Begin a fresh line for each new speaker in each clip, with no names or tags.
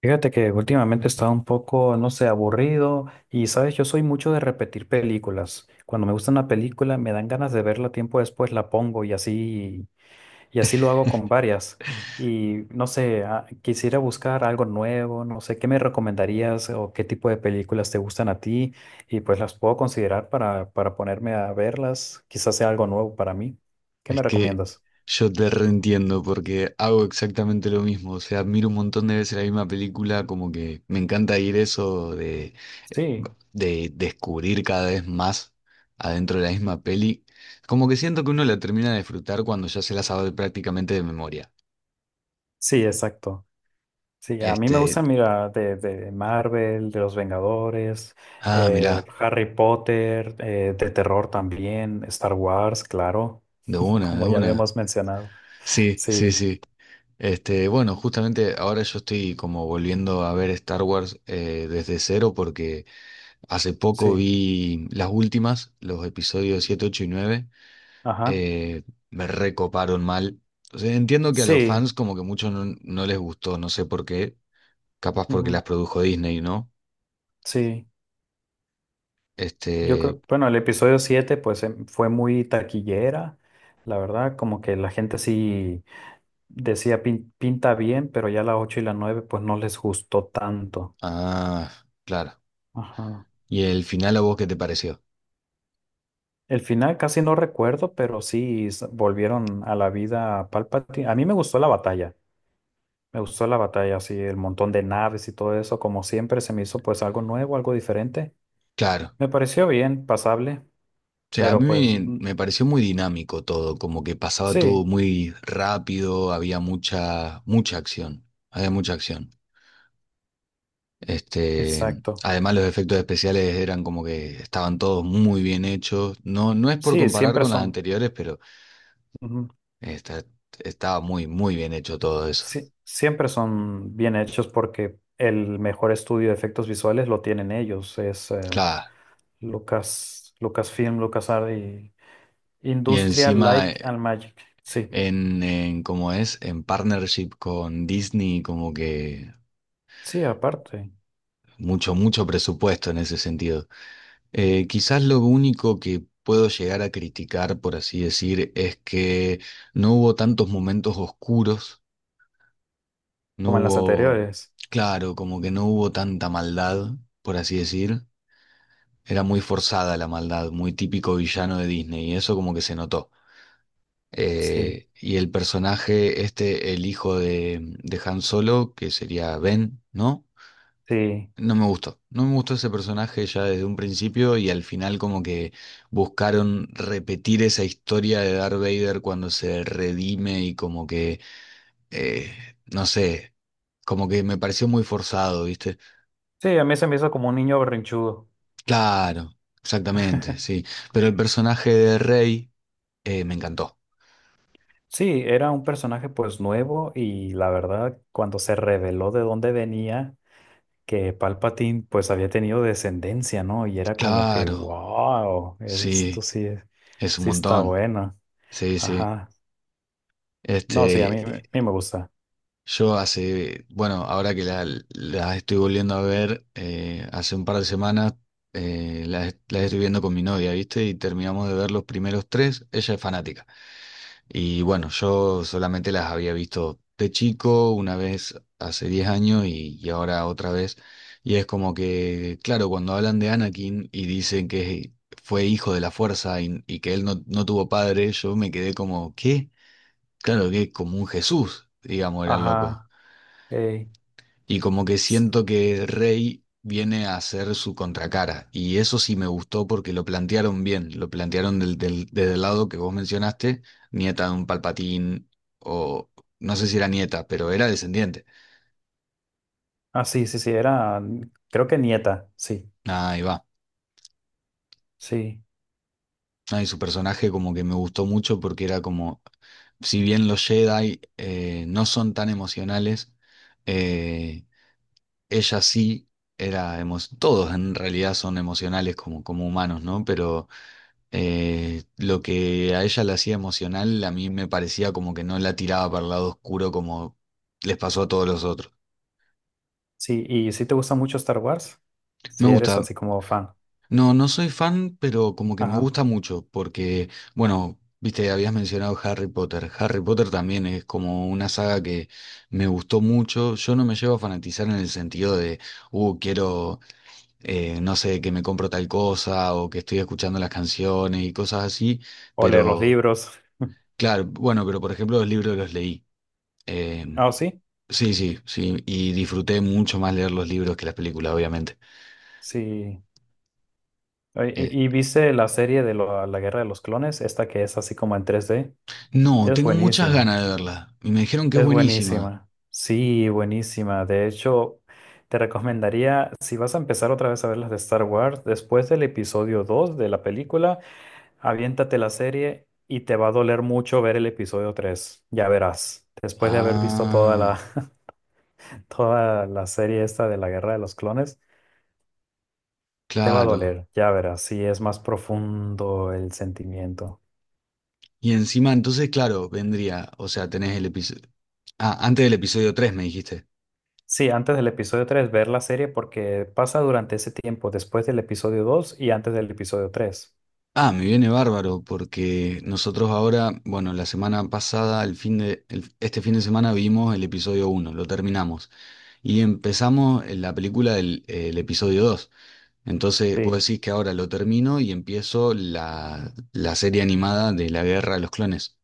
Fíjate que últimamente he estado un poco, no sé, aburrido y, sabes, yo soy mucho de repetir películas. Cuando me gusta una película, me dan ganas de verla tiempo después, la pongo y así lo hago con varias. Y no sé, quisiera buscar algo nuevo, no sé, ¿qué me recomendarías o qué tipo de películas te gustan a ti? Y pues las puedo considerar para ponerme a verlas. Quizás sea algo nuevo para mí. ¿Qué
Es
me
que
recomiendas?
yo te reentiendo porque hago exactamente lo mismo. O sea, miro un montón de veces la misma película, como que me encanta ir eso
Sí,
de descubrir cada vez más adentro de la misma peli. Como que siento que uno la termina de disfrutar cuando ya se la sabe prácticamente de memoria.
sí, exacto. Sí, a mí me
Este,
gustan, mira, de Marvel, de los Vengadores,
mirá,
Harry Potter, de terror también, Star Wars, claro,
de una, de
como ya
una.
habíamos mencionado.
Sí, sí,
Sí,
sí. Bueno, justamente ahora yo estoy como volviendo a ver Star Wars desde cero porque hace poco
sí,
vi las últimas, los episodios 7, 8 y 9.
ajá,
eh, Me recoparon mal. O sea, entiendo que a los
sí,
fans como que mucho no les gustó, no sé por qué. Capaz porque
ujú,
las produjo Disney, ¿no?
sí. Yo
Este...
creo, bueno, el episodio 7, pues fue muy taquillera, la verdad, como que la gente sí decía: Pinta bien", pero ya la 8 y la 9, pues no les gustó tanto.
Ah, claro.
Ajá.
¿Y el final a vos qué te pareció?
El final casi no recuerdo, pero sí, volvieron a la vida a Palpatine. A mí me gustó la batalla. Me gustó la batalla, así, el montón de naves y todo eso. Como siempre, se me hizo pues algo nuevo, algo diferente.
Claro.
Me pareció bien, pasable,
O sea, a mí
pero pues
me,
mm,
me pareció muy dinámico todo, como que pasaba todo
sí,
muy rápido, había mucha, mucha acción. Había mucha acción. Este,
exacto.
además los efectos especiales eran como que estaban todos muy bien hechos. No, no es por
Sí,
comparar
siempre
con las
son,
anteriores, pero
ujú,
esta- estaba muy, muy bien hecho todo eso.
sí, siempre son bien hechos porque el mejor estudio de efectos visuales lo tienen ellos. Es
Claro.
Lucas, Lucasfilm, LucasArts y
Y
Industrial
encima,
Light and Magic. Sí.
en cómo es, en partnership con Disney, como que
Sí, aparte,
mucho, mucho presupuesto en ese sentido. Quizás lo único que puedo llegar a criticar, por así decir, es que no hubo tantos momentos oscuros. No
como en las
hubo,
anteriores.
claro, como que no hubo tanta maldad, por así decir. Era muy forzada la maldad, muy típico villano de Disney, y eso como que se notó.
Sí,
Y el personaje, este, el hijo de Han Solo, que sería Ben, ¿no?
sí.
No me gustó. No me gustó ese personaje ya desde un principio y al final como que buscaron repetir esa historia de Darth Vader cuando se redime y como que, eh, no sé, como que me pareció muy forzado, ¿viste?
Sí, a mí se me hizo como un niño berrinchudo.
Claro, exactamente, sí. Pero el personaje de Rey me encantó.
Sí, era un personaje pues nuevo y la verdad, cuando se reveló de dónde venía, que Palpatine pues había tenido descendencia, ¿no? Y era como que,
Claro,
wow, esto
sí,
sí, es-
es un
sí está
montón.
bueno.
Sí, sí.
Ajá. No, sí, a
Este,
mí me gusta.
yo hace, bueno, ahora que la estoy volviendo a ver, hace un par de semanas la estoy viendo con mi novia, ¿viste? Y terminamos de ver los primeros tres. Ella es fanática. Y bueno, yo solamente las había visto de chico, una vez hace 10 años y ahora otra vez. Y es como que, claro, cuando hablan de Anakin y dicen que fue hijo de la fuerza y que él no tuvo padre, yo me quedé como, ¿qué? Claro que como un Jesús, digamos, era el loco.
Ajá. Ey,
Y como que
sí.
siento que Rey viene a hacer su contracara. Y eso sí me gustó porque lo plantearon bien. Lo plantearon desde el lado que vos mencionaste, nieta de un Palpatín, o no sé si era nieta, pero era descendiente.
Ah, sí, sí, sí, era, creo que nieta, sí,
Nah, ahí va.
sí.
Ahí su personaje como que me gustó mucho porque era como, si bien los Jedi no son tan emocionales, eh, ella sí todos en realidad son emocionales como, como humanos, ¿no? Pero lo que a ella la hacía emocional, a mí me parecía como que no la tiraba para el lado oscuro como les pasó a todos los otros.
Sí, y si te gusta mucho Star Wars,
Me
si eres
gusta.
así como fan.
No, no soy fan, pero como que me
Ajá.
gusta mucho, porque, bueno, viste, habías mencionado Harry Potter. Harry Potter también es como una saga que me gustó mucho. Yo no me llevo a fanatizar en el sentido de, quiero, no sé, que me compro tal cosa o que estoy escuchando las canciones y cosas así,
O leer los
pero,
libros.
claro, bueno, pero por ejemplo los libros los leí. Eh,
Ah, ¿o sí,
sí, sí, sí. Y disfruté mucho más leer los libros que las películas, obviamente.
sí? Oye,
Eh,
¿y viste la serie de la Guerra de los Clones? Esta que es así como en 3D.
no,
Es
tengo muchas
buenísima.
ganas de verla. Y me dijeron que es
Es
buenísima.
buenísima. Sí, buenísima. De hecho, te recomendaría, si vas a empezar otra vez a ver las de Star Wars, después del episodio 2 de la película, aviéntate la serie y te va a doler mucho ver el episodio tres. Ya verás. Después de haber visto toda la
Ah,
toda la serie esta de la Guerra de los Clones, te va a
claro.
doler, ya verás, si es más profundo el sentimiento.
Y encima, entonces, claro, vendría. O sea, tenés el episodio. Ah, antes del episodio 3 me dijiste.
Sí, antes del episodio 3 ver la serie porque pasa durante ese tiempo, después del episodio 2 y antes del episodio tres.
Ah, me viene bárbaro porque nosotros ahora, bueno, la semana pasada, el fin de, el- este fin de semana vimos el episodio 1, lo terminamos. Y empezamos en la película del el episodio 2. Entonces, puedo
Sí.
decir que ahora lo termino y empiezo la serie animada de la Guerra de los Clones.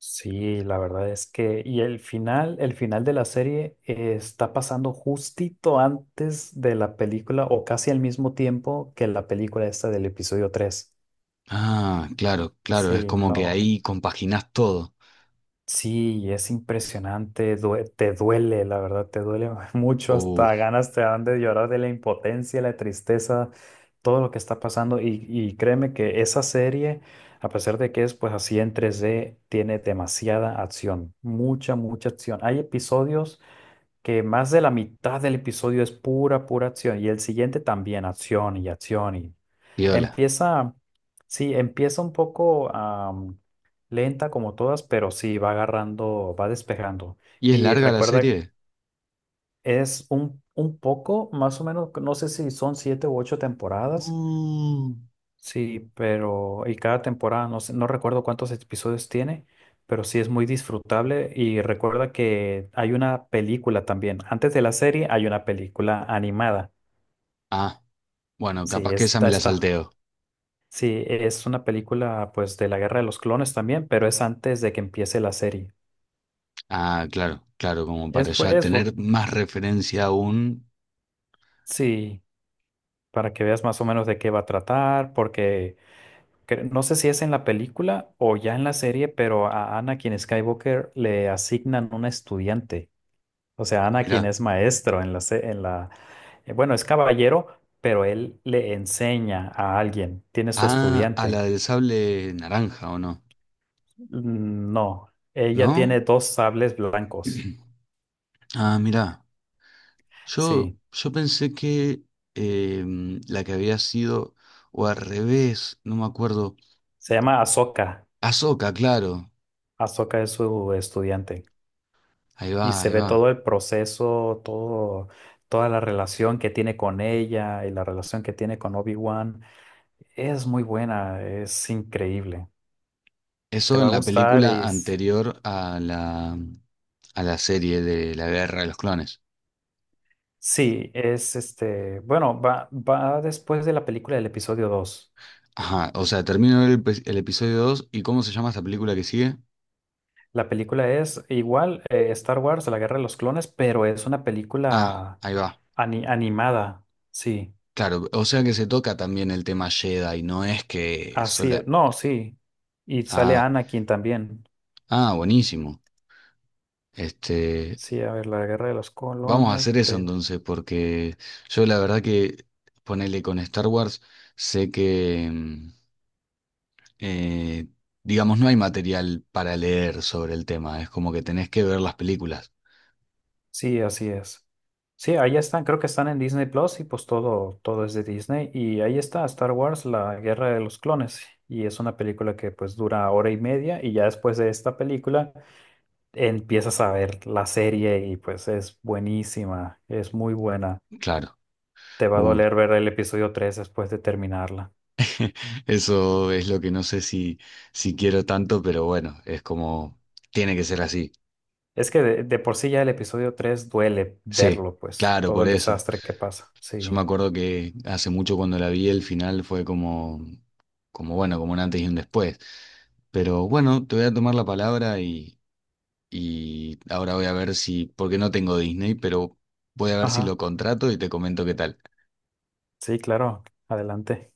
Sí, la verdad es que, y el final de la serie está pasando justito antes de la película o casi al mismo tiempo que la película esta del episodio 3.
Ah, claro, claro,
Sí,
es como que
no.
ahí compaginás todo.
Sí, y es impresionante, te duele, la verdad, te duele mucho,
Uh,
hasta ganas te dan de llorar de la impotencia, la tristeza, todo lo que está pasando. Y créeme que esa serie, a pesar de que es pues así en 3D, tiene demasiada acción, mucha, mucha acción. Hay episodios que más de la mitad del episodio es pura, pura acción y el siguiente también, acción y acción y
viola.
empieza, sí, empieza un poco lenta como todas, pero sí, va agarrando, va despejando.
¿Y es
Y
larga la
recuerda,
serie?
es un poco, más o menos, no sé si son siete u ocho temporadas.
Uh.
Sí, pero y cada temporada, no recuerdo cuántos episodios tiene, pero sí es muy disfrutable y recuerda que hay una película también. Antes de la serie hay una película animada.
Ah, bueno,
Sí,
capaz que esa me
esta
la
está.
salteo.
Sí, es una película pues de la Guerra de los Clones también, pero es antes de que empiece la serie.
Ah, claro, claro, como
Es,
para
bu-
ya
es bu-
tener más referencia aún.
sí, para que veas más o menos de qué va a tratar, porque no sé si es en la película o ya en la serie, pero a Anakin Skywalker le asignan un estudiante. O sea, Anakin
Mirá.
es maestro en la, bueno, es caballero, pero él le enseña a alguien, tiene su
Ah, a
estudiante.
la del sable naranja, ¿o no?
Mm, no, ella
¿No?
tiene dos sables blancos.
Ah, mirá. Yo,
Sí,
yo pensé que la que había sido, o al revés, no me acuerdo.
se llama Ahsoka.
Ahsoka, claro.
Ahsoka es su estudiante
Ahí va,
y se
ahí
ve
va.
todo el proceso, todo, toda la relación que tiene con ella y la relación que tiene con Obi-Wan. Es muy buena, es increíble. Te
Eso
va
en
a
la
gustar
película anterior a a la serie de la Guerra de los Clones.
Sí, es este, bueno, va después de la película del episodio 2.
Ajá, o sea, termino el episodio 2 y ¿cómo se llama esta película que sigue?
La película es igual, Star Wars, La Guerra de los Clones, pero es una
Ah,
película
ahí va.
animada. Sí,
Claro, o sea que se toca también el tema Jedi, no es que
así
sola...
es. No, sí. Y sale
Ah,
Anakin también.
ah, buenísimo. Este,
Sí, a ver, La Guerra de los
Vamos a
Clones.
hacer eso entonces, porque yo la verdad que ponele con Star Wars, sé que, eh, digamos, no hay material para leer sobre el tema, es como que tenés que ver las películas,
Sí, así es. Sí, ahí están, creo que están en Disney Plus y pues todo, todo es de Disney. Y ahí está Star Wars, La Guerra de los Clones. Y es una película que pues dura hora y media y ya después de esta película empiezas a ver la serie y pues es buenísima, es muy buena.
claro.
Te va a
Uh,
doler ver el episodio 3 después de terminarla.
eso es lo que no sé si quiero tanto, pero bueno, es como, tiene que ser así.
Es que de por sí ya el episodio 3 duele
Sí,
verlo, pues
claro,
todo
por
el
eso.
desastre que pasa.
Yo me
Sí.
acuerdo que hace mucho cuando la vi, el final fue como, como bueno, como un antes y un después. Pero bueno, te voy a tomar la palabra y ahora voy a ver si, porque no tengo Disney, pero voy a ver si
Ajá,
lo contrato y te comento qué tal.
sí, claro, adelante.